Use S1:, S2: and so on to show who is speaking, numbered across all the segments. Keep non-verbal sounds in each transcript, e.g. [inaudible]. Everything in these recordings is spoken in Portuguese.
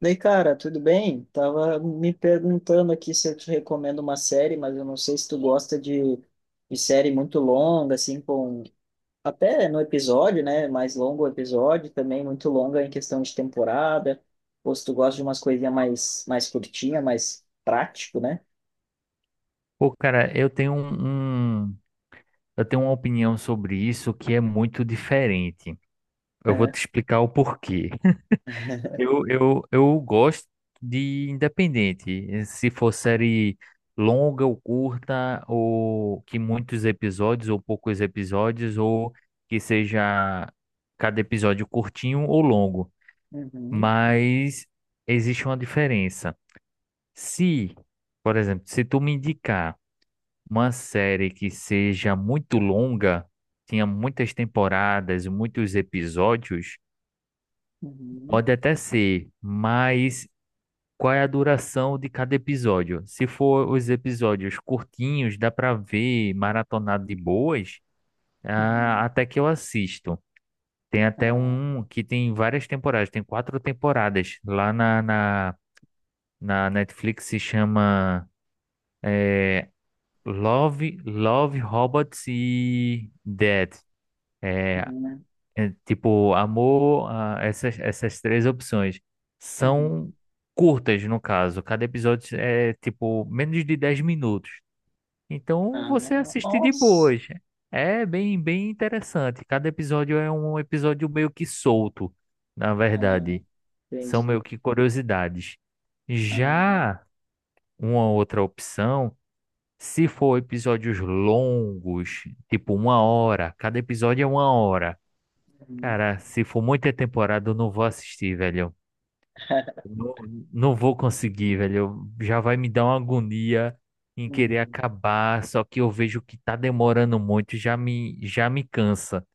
S1: Daí, cara, tudo bem? Tava me perguntando aqui se eu te recomendo uma série, mas eu não sei se tu gosta de, série muito longa, assim, com até no episódio, né? Mais longo o episódio, também muito longa em questão de temporada, ou se tu gosta de umas coisinhas mais, curtinha, mais prático, né?
S2: Pô, cara, eu tenho uma opinião sobre isso que é muito diferente. Eu vou te
S1: É.
S2: explicar o porquê.
S1: [laughs]
S2: Eu gosto de independente, se for série longa ou curta, ou que muitos episódios ou poucos episódios, ou que seja cada episódio curtinho ou longo.
S1: Uhum,
S2: Mas existe uma diferença. Se, por exemplo, se tu me indicar uma série que seja muito longa, tenha muitas temporadas, muitos episódios,
S1: uhum,
S2: pode até ser, mas qual é a duração de cada episódio? Se for os episódios curtinhos, dá para ver maratonado de boas,
S1: uhum.
S2: até que eu assisto. Tem até
S1: Ah,
S2: um que tem várias temporadas, tem quatro temporadas. Lá na Netflix se chama eh, Love, Robots e Dead. É,
S1: uhum,
S2: é, tipo, amor, essas três opções
S1: uhum.
S2: são curtas, no caso. Cada episódio é, tipo, menos de 10 minutos. Então,
S1: Ah,
S2: você assiste de
S1: nossa.
S2: boas. É bem, bem interessante. Cada episódio é um episódio meio que solto, na
S1: Ah,
S2: verdade. São
S1: entendi.
S2: meio que curiosidades.
S1: Ah,
S2: Já uma outra opção, se for episódios longos, tipo uma hora, cada episódio é uma hora.
S1: uhum,
S2: Cara, se for muita temporada, eu não vou assistir, velho. Não, não vou conseguir, velho. Já vai me dar uma agonia em querer
S1: uhum.
S2: acabar, só que eu vejo que tá demorando muito, já me cansa.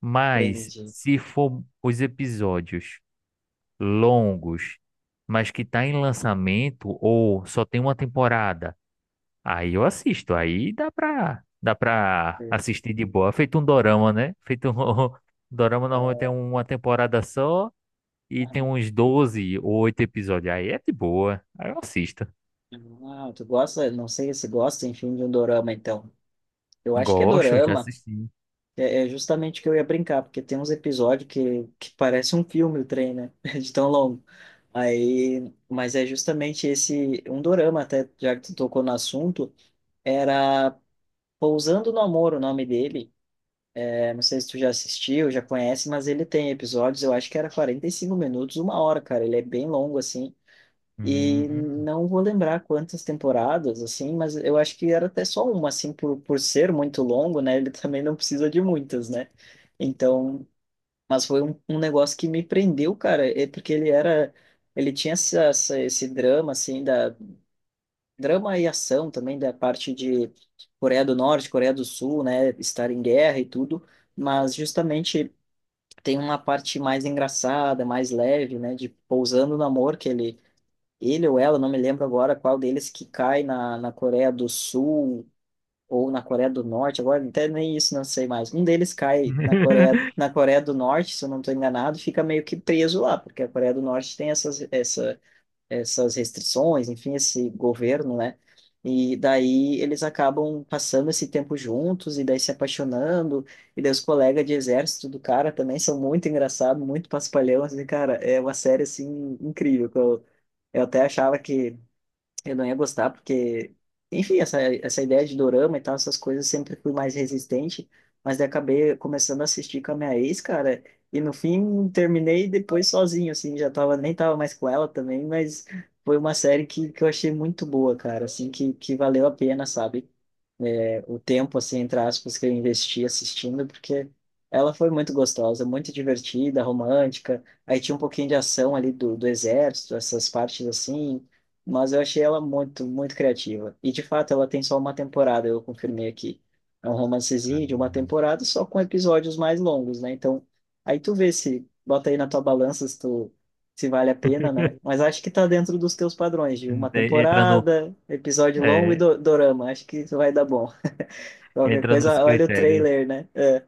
S2: Mas
S1: Entendi.
S2: se for os episódios longos, mas que tá em lançamento ou só tem uma temporada, aí eu assisto. Aí dá pra assistir de boa. Feito um dorama, né? Feito um, [laughs] Dorama normalmente tem uma temporada só. E tem uns 12 ou 8 episódios. Aí é de boa. Aí eu assisto.
S1: Ah, tu gosta, não sei se gosta, enfim, de um dorama, então. Eu acho que é
S2: Gosto, já
S1: dorama,
S2: assisti.
S1: é justamente o que eu ia brincar, porque tem uns episódios que parece um filme o trem, né? [laughs] De tão longo. Aí, mas é justamente esse, um dorama, até, já que tu tocou no assunto, era Pousando no Amor, o nome dele. É, não sei se tu já assistiu, já conhece, mas ele tem episódios, eu acho que era 45 minutos, uma hora, cara. Ele é bem longo, assim. E
S2: Hum.
S1: não vou lembrar quantas temporadas, assim, mas eu acho que era até só uma, assim, por ser muito longo, né? Ele [laughs] também não precisa de muitas, né? Então, mas foi um negócio que me prendeu, cara, é porque ele era, ele tinha esse drama, assim, da drama e ação também da parte de Coreia do Norte, Coreia do Sul, né? Estar em guerra e tudo, mas justamente tem uma parte mais engraçada, mais leve, né? De pousando no amor que ele ou ela, não me lembro agora qual deles que cai na, Coreia do Sul ou na Coreia do Norte, agora até nem isso não sei mais. Um deles cai na Coreia,
S2: [laughs]
S1: na Coreia do Norte, se eu não estou enganado, e fica meio que preso lá, porque a Coreia do Norte tem essas restrições, enfim, esse governo, né? E daí eles acabam passando esse tempo juntos e daí se apaixonando. E daí os colegas de exército do cara também são muito engraçados, muito paspalhão, assim, cara, é uma série assim incrível. Eu até achava que eu não ia gostar, porque, enfim, essa ideia de dorama e tal, essas coisas, sempre fui mais resistente, mas daí acabei começando a assistir com a minha ex, cara, e no fim terminei depois sozinho, assim, já tava, nem tava mais com ela também, mas foi uma série que eu achei muito boa, cara, assim, que valeu a pena, sabe? É, o tempo, assim, entre aspas, que eu investi assistindo, porque ela foi muito gostosa, muito divertida, romântica. Aí tinha um pouquinho de ação ali do exército, essas partes assim, mas eu achei ela muito, muito criativa. E de fato, ela tem só uma temporada, eu confirmei aqui. É um romancezinho de uma
S2: Caramba.
S1: temporada, só com episódios mais longos, né? Então, aí tu vê se, bota aí na tua balança se tu. Se vale a pena, né? Mas acho que tá dentro dos teus padrões de uma
S2: De- Entra no,
S1: temporada, episódio longo e
S2: é,
S1: do dorama. Acho que isso vai dar bom. Qualquer
S2: entra nos
S1: coisa, olha o
S2: critérios.
S1: trailer, né? É,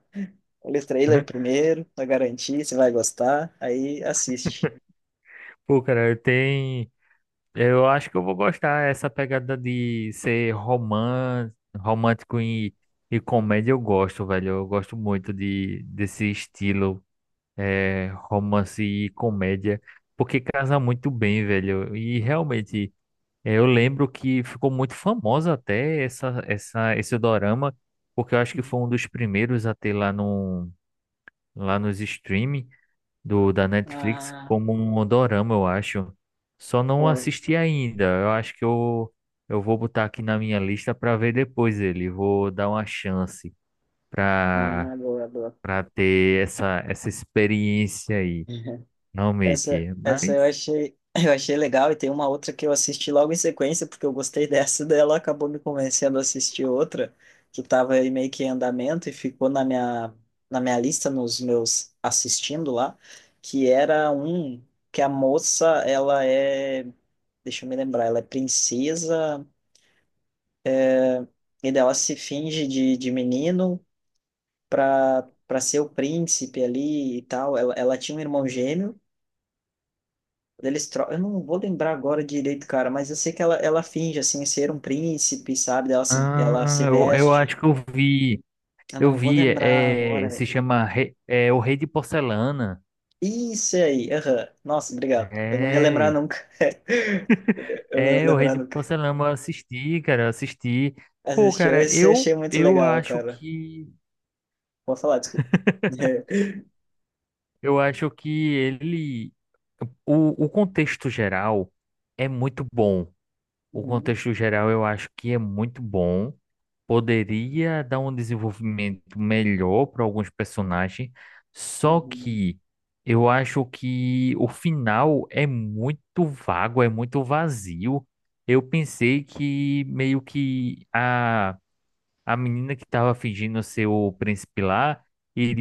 S1: olha o trailer
S2: [laughs]
S1: primeiro, pra garantir se vai gostar, aí assiste.
S2: Pô, cara, tem. Eu acho que eu vou gostar essa pegada de ser romance, romântico e comédia. Eu gosto, velho. Eu gosto muito desse estilo romance e comédia, porque casa muito bem, velho. Eu lembro que ficou muito famosa até esse dorama, porque eu acho que foi um dos primeiros a ter lá, no, lá nos streaming da Netflix
S1: Ah,
S2: como um dorama, eu acho. Só não
S1: pô,
S2: assisti ainda. Eu acho que eu vou botar aqui na minha lista para ver depois ele. Vou dar uma chance para
S1: ah, boa, boa.
S2: para ter essa experiência aí,
S1: [laughs] Essa,
S2: realmente.
S1: essa eu
S2: Mas
S1: achei, [laughs] eu achei legal e tem uma outra que eu assisti logo em sequência, porque eu gostei [laughs] dessa, daí ela acabou me convencendo a assistir outra, que estava aí meio que em andamento e ficou na minha lista, nos meus assistindo lá, que era um que a moça, ela é Deixa eu me lembrar, ela é princesa, e daí ela se finge de, menino pra, ser o príncipe ali e tal. Ela tinha um irmão gêmeo, eles tro... eu não vou lembrar agora direito, cara, mas eu sei que ela finge, assim, ser um príncipe, sabe? Ela se
S2: eu
S1: veste.
S2: acho que eu vi.
S1: Eu
S2: Eu
S1: não vou
S2: vi,
S1: lembrar agora, velho.
S2: se chama O Rei de Porcelana.
S1: Isso aí, aham. Nossa, obrigado. Eu não ia lembrar
S2: É,
S1: nunca. [laughs] Eu não ia
S2: é O Rei
S1: lembrar
S2: de
S1: nunca.
S2: Porcelana, eu assisti, cara, eu assisti. Pô,
S1: Assistiu
S2: cara,
S1: esse, eu
S2: eu
S1: achei muito
S2: eu
S1: legal,
S2: acho
S1: cara.
S2: que
S1: Vou falar, desculpa. [laughs]
S2: eu acho que ele o contexto geral é muito bom. O
S1: Uhum,
S2: contexto geral eu acho que é muito bom. Poderia dar um desenvolvimento melhor para alguns personagens, só
S1: uhum,
S2: que eu acho que o final é muito vago, é muito vazio. Eu pensei que meio que a menina que estava fingindo ser o príncipe lá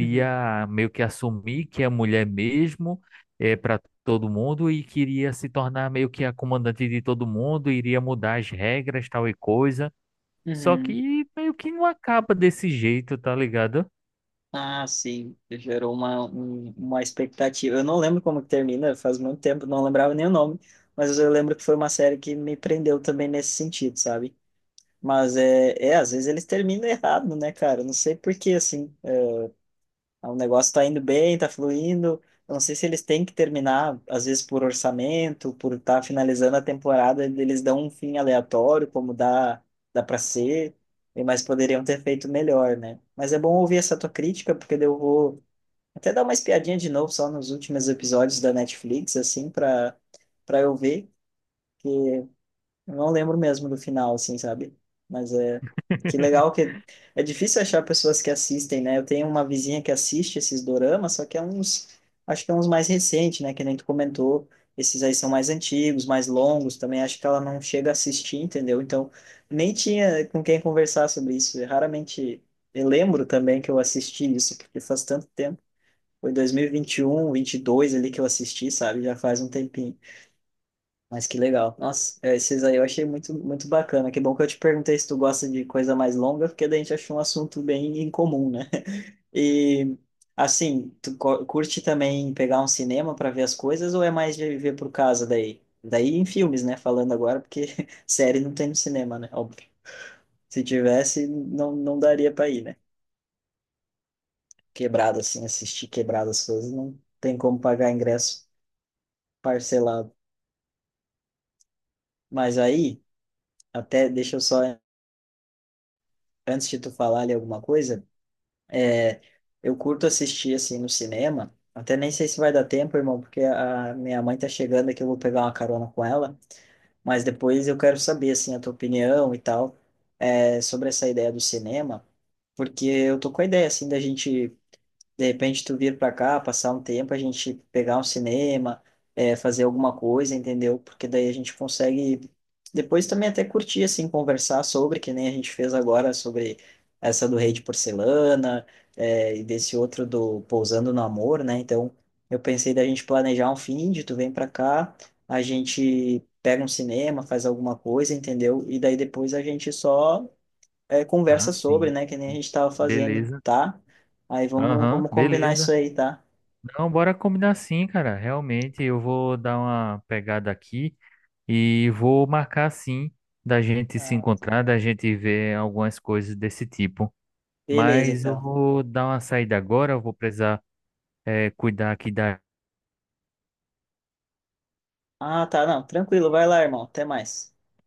S1: uhum.
S2: meio que assumir que é mulher mesmo para todo mundo e queria se tornar meio que a comandante de todo mundo, iria mudar as regras, tal e coisa. Só
S1: Uhum.
S2: que meio que não acaba desse jeito, tá ligado?
S1: Ah, sim, gerou uma expectativa. Eu não lembro como que termina, faz muito tempo, não lembrava nem o nome, mas eu lembro que foi uma série que me prendeu também nesse sentido, sabe? Mas é, é às vezes eles terminam errado, né, cara? Não sei por que assim. Ah, o negócio tá indo bem, tá fluindo. Eu não sei se eles têm que terminar, às vezes por orçamento, por estar tá finalizando a temporada, eles dão um fim aleatório, como dá, dá para ser, e- mas poderiam ter feito melhor, né? Mas é bom ouvir essa tua crítica, porque daí eu vou até dar uma espiadinha de novo só nos últimos episódios da Netflix, assim, para eu ver. Eu não lembro mesmo do final, assim, sabe? Mas é. Que legal
S2: [laughs]
S1: que. É difícil achar pessoas que assistem, né? Eu tenho uma vizinha que assiste esses doramas, só que é uns. Acho que é uns mais recentes, né? Que nem tu comentou. Esses aí são mais antigos, mais longos também. Acho que ela não chega a assistir, entendeu? Então, nem tinha com quem conversar sobre isso. Eu raramente. Eu lembro também que eu assisti isso, porque faz tanto tempo. Foi 2020, 2021, 2022 ali que eu assisti, sabe? Já faz um tempinho. Mas que legal. Nossa, é, esses aí eu achei muito, muito bacana. Que bom que eu te perguntei se tu gosta de coisa mais longa, porque daí a gente achou um assunto bem incomum, né? [laughs] E, assim, curte também pegar um cinema para ver as coisas ou é mais de ver por casa daí? Daí em filmes, né? Falando agora, porque [laughs] série não tem no cinema, né? Óbvio. Se tivesse, não, não daria para ir, né? Quebrado, assim, assistir quebrado as coisas, não tem como pagar ingresso parcelado. Mas aí, até deixa eu só, antes de tu falar ali alguma coisa. Eu curto assistir assim no cinema. Até nem sei se vai dar tempo, irmão, porque a minha mãe tá chegando aqui, eu vou pegar uma carona com ela. Mas depois eu quero saber assim a tua opinião e tal, é, sobre essa ideia do cinema, porque eu tô com a ideia assim da gente de repente tu vir para cá, passar um tempo, a gente pegar um cinema, fazer alguma coisa, entendeu? Porque daí a gente consegue depois também até curtir, assim, conversar sobre, que nem a gente fez agora, sobre essa do Rei de Porcelana, e desse outro do Pousando no Amor, né? Então eu pensei da gente planejar um fim de tu vem para cá, a gente pega um cinema, faz alguma coisa, entendeu? E daí depois a gente só é,
S2: Ah,
S1: conversa sobre,
S2: sim.
S1: né? Que nem a gente tava fazendo,
S2: Beleza.
S1: tá? Aí vamos,
S2: Aham,
S1: vamos combinar isso
S2: beleza.
S1: aí, tá?
S2: Não, bora combinar sim, cara. Realmente, eu vou dar uma pegada aqui. E vou marcar sim da gente se
S1: Ah,
S2: encontrar, da gente ver algumas coisas desse tipo.
S1: beleza,
S2: Mas eu
S1: então.
S2: vou dar uma saída agora, eu vou precisar cuidar aqui da
S1: Ah, tá, não, tranquilo, vai lá, irmão. Até mais.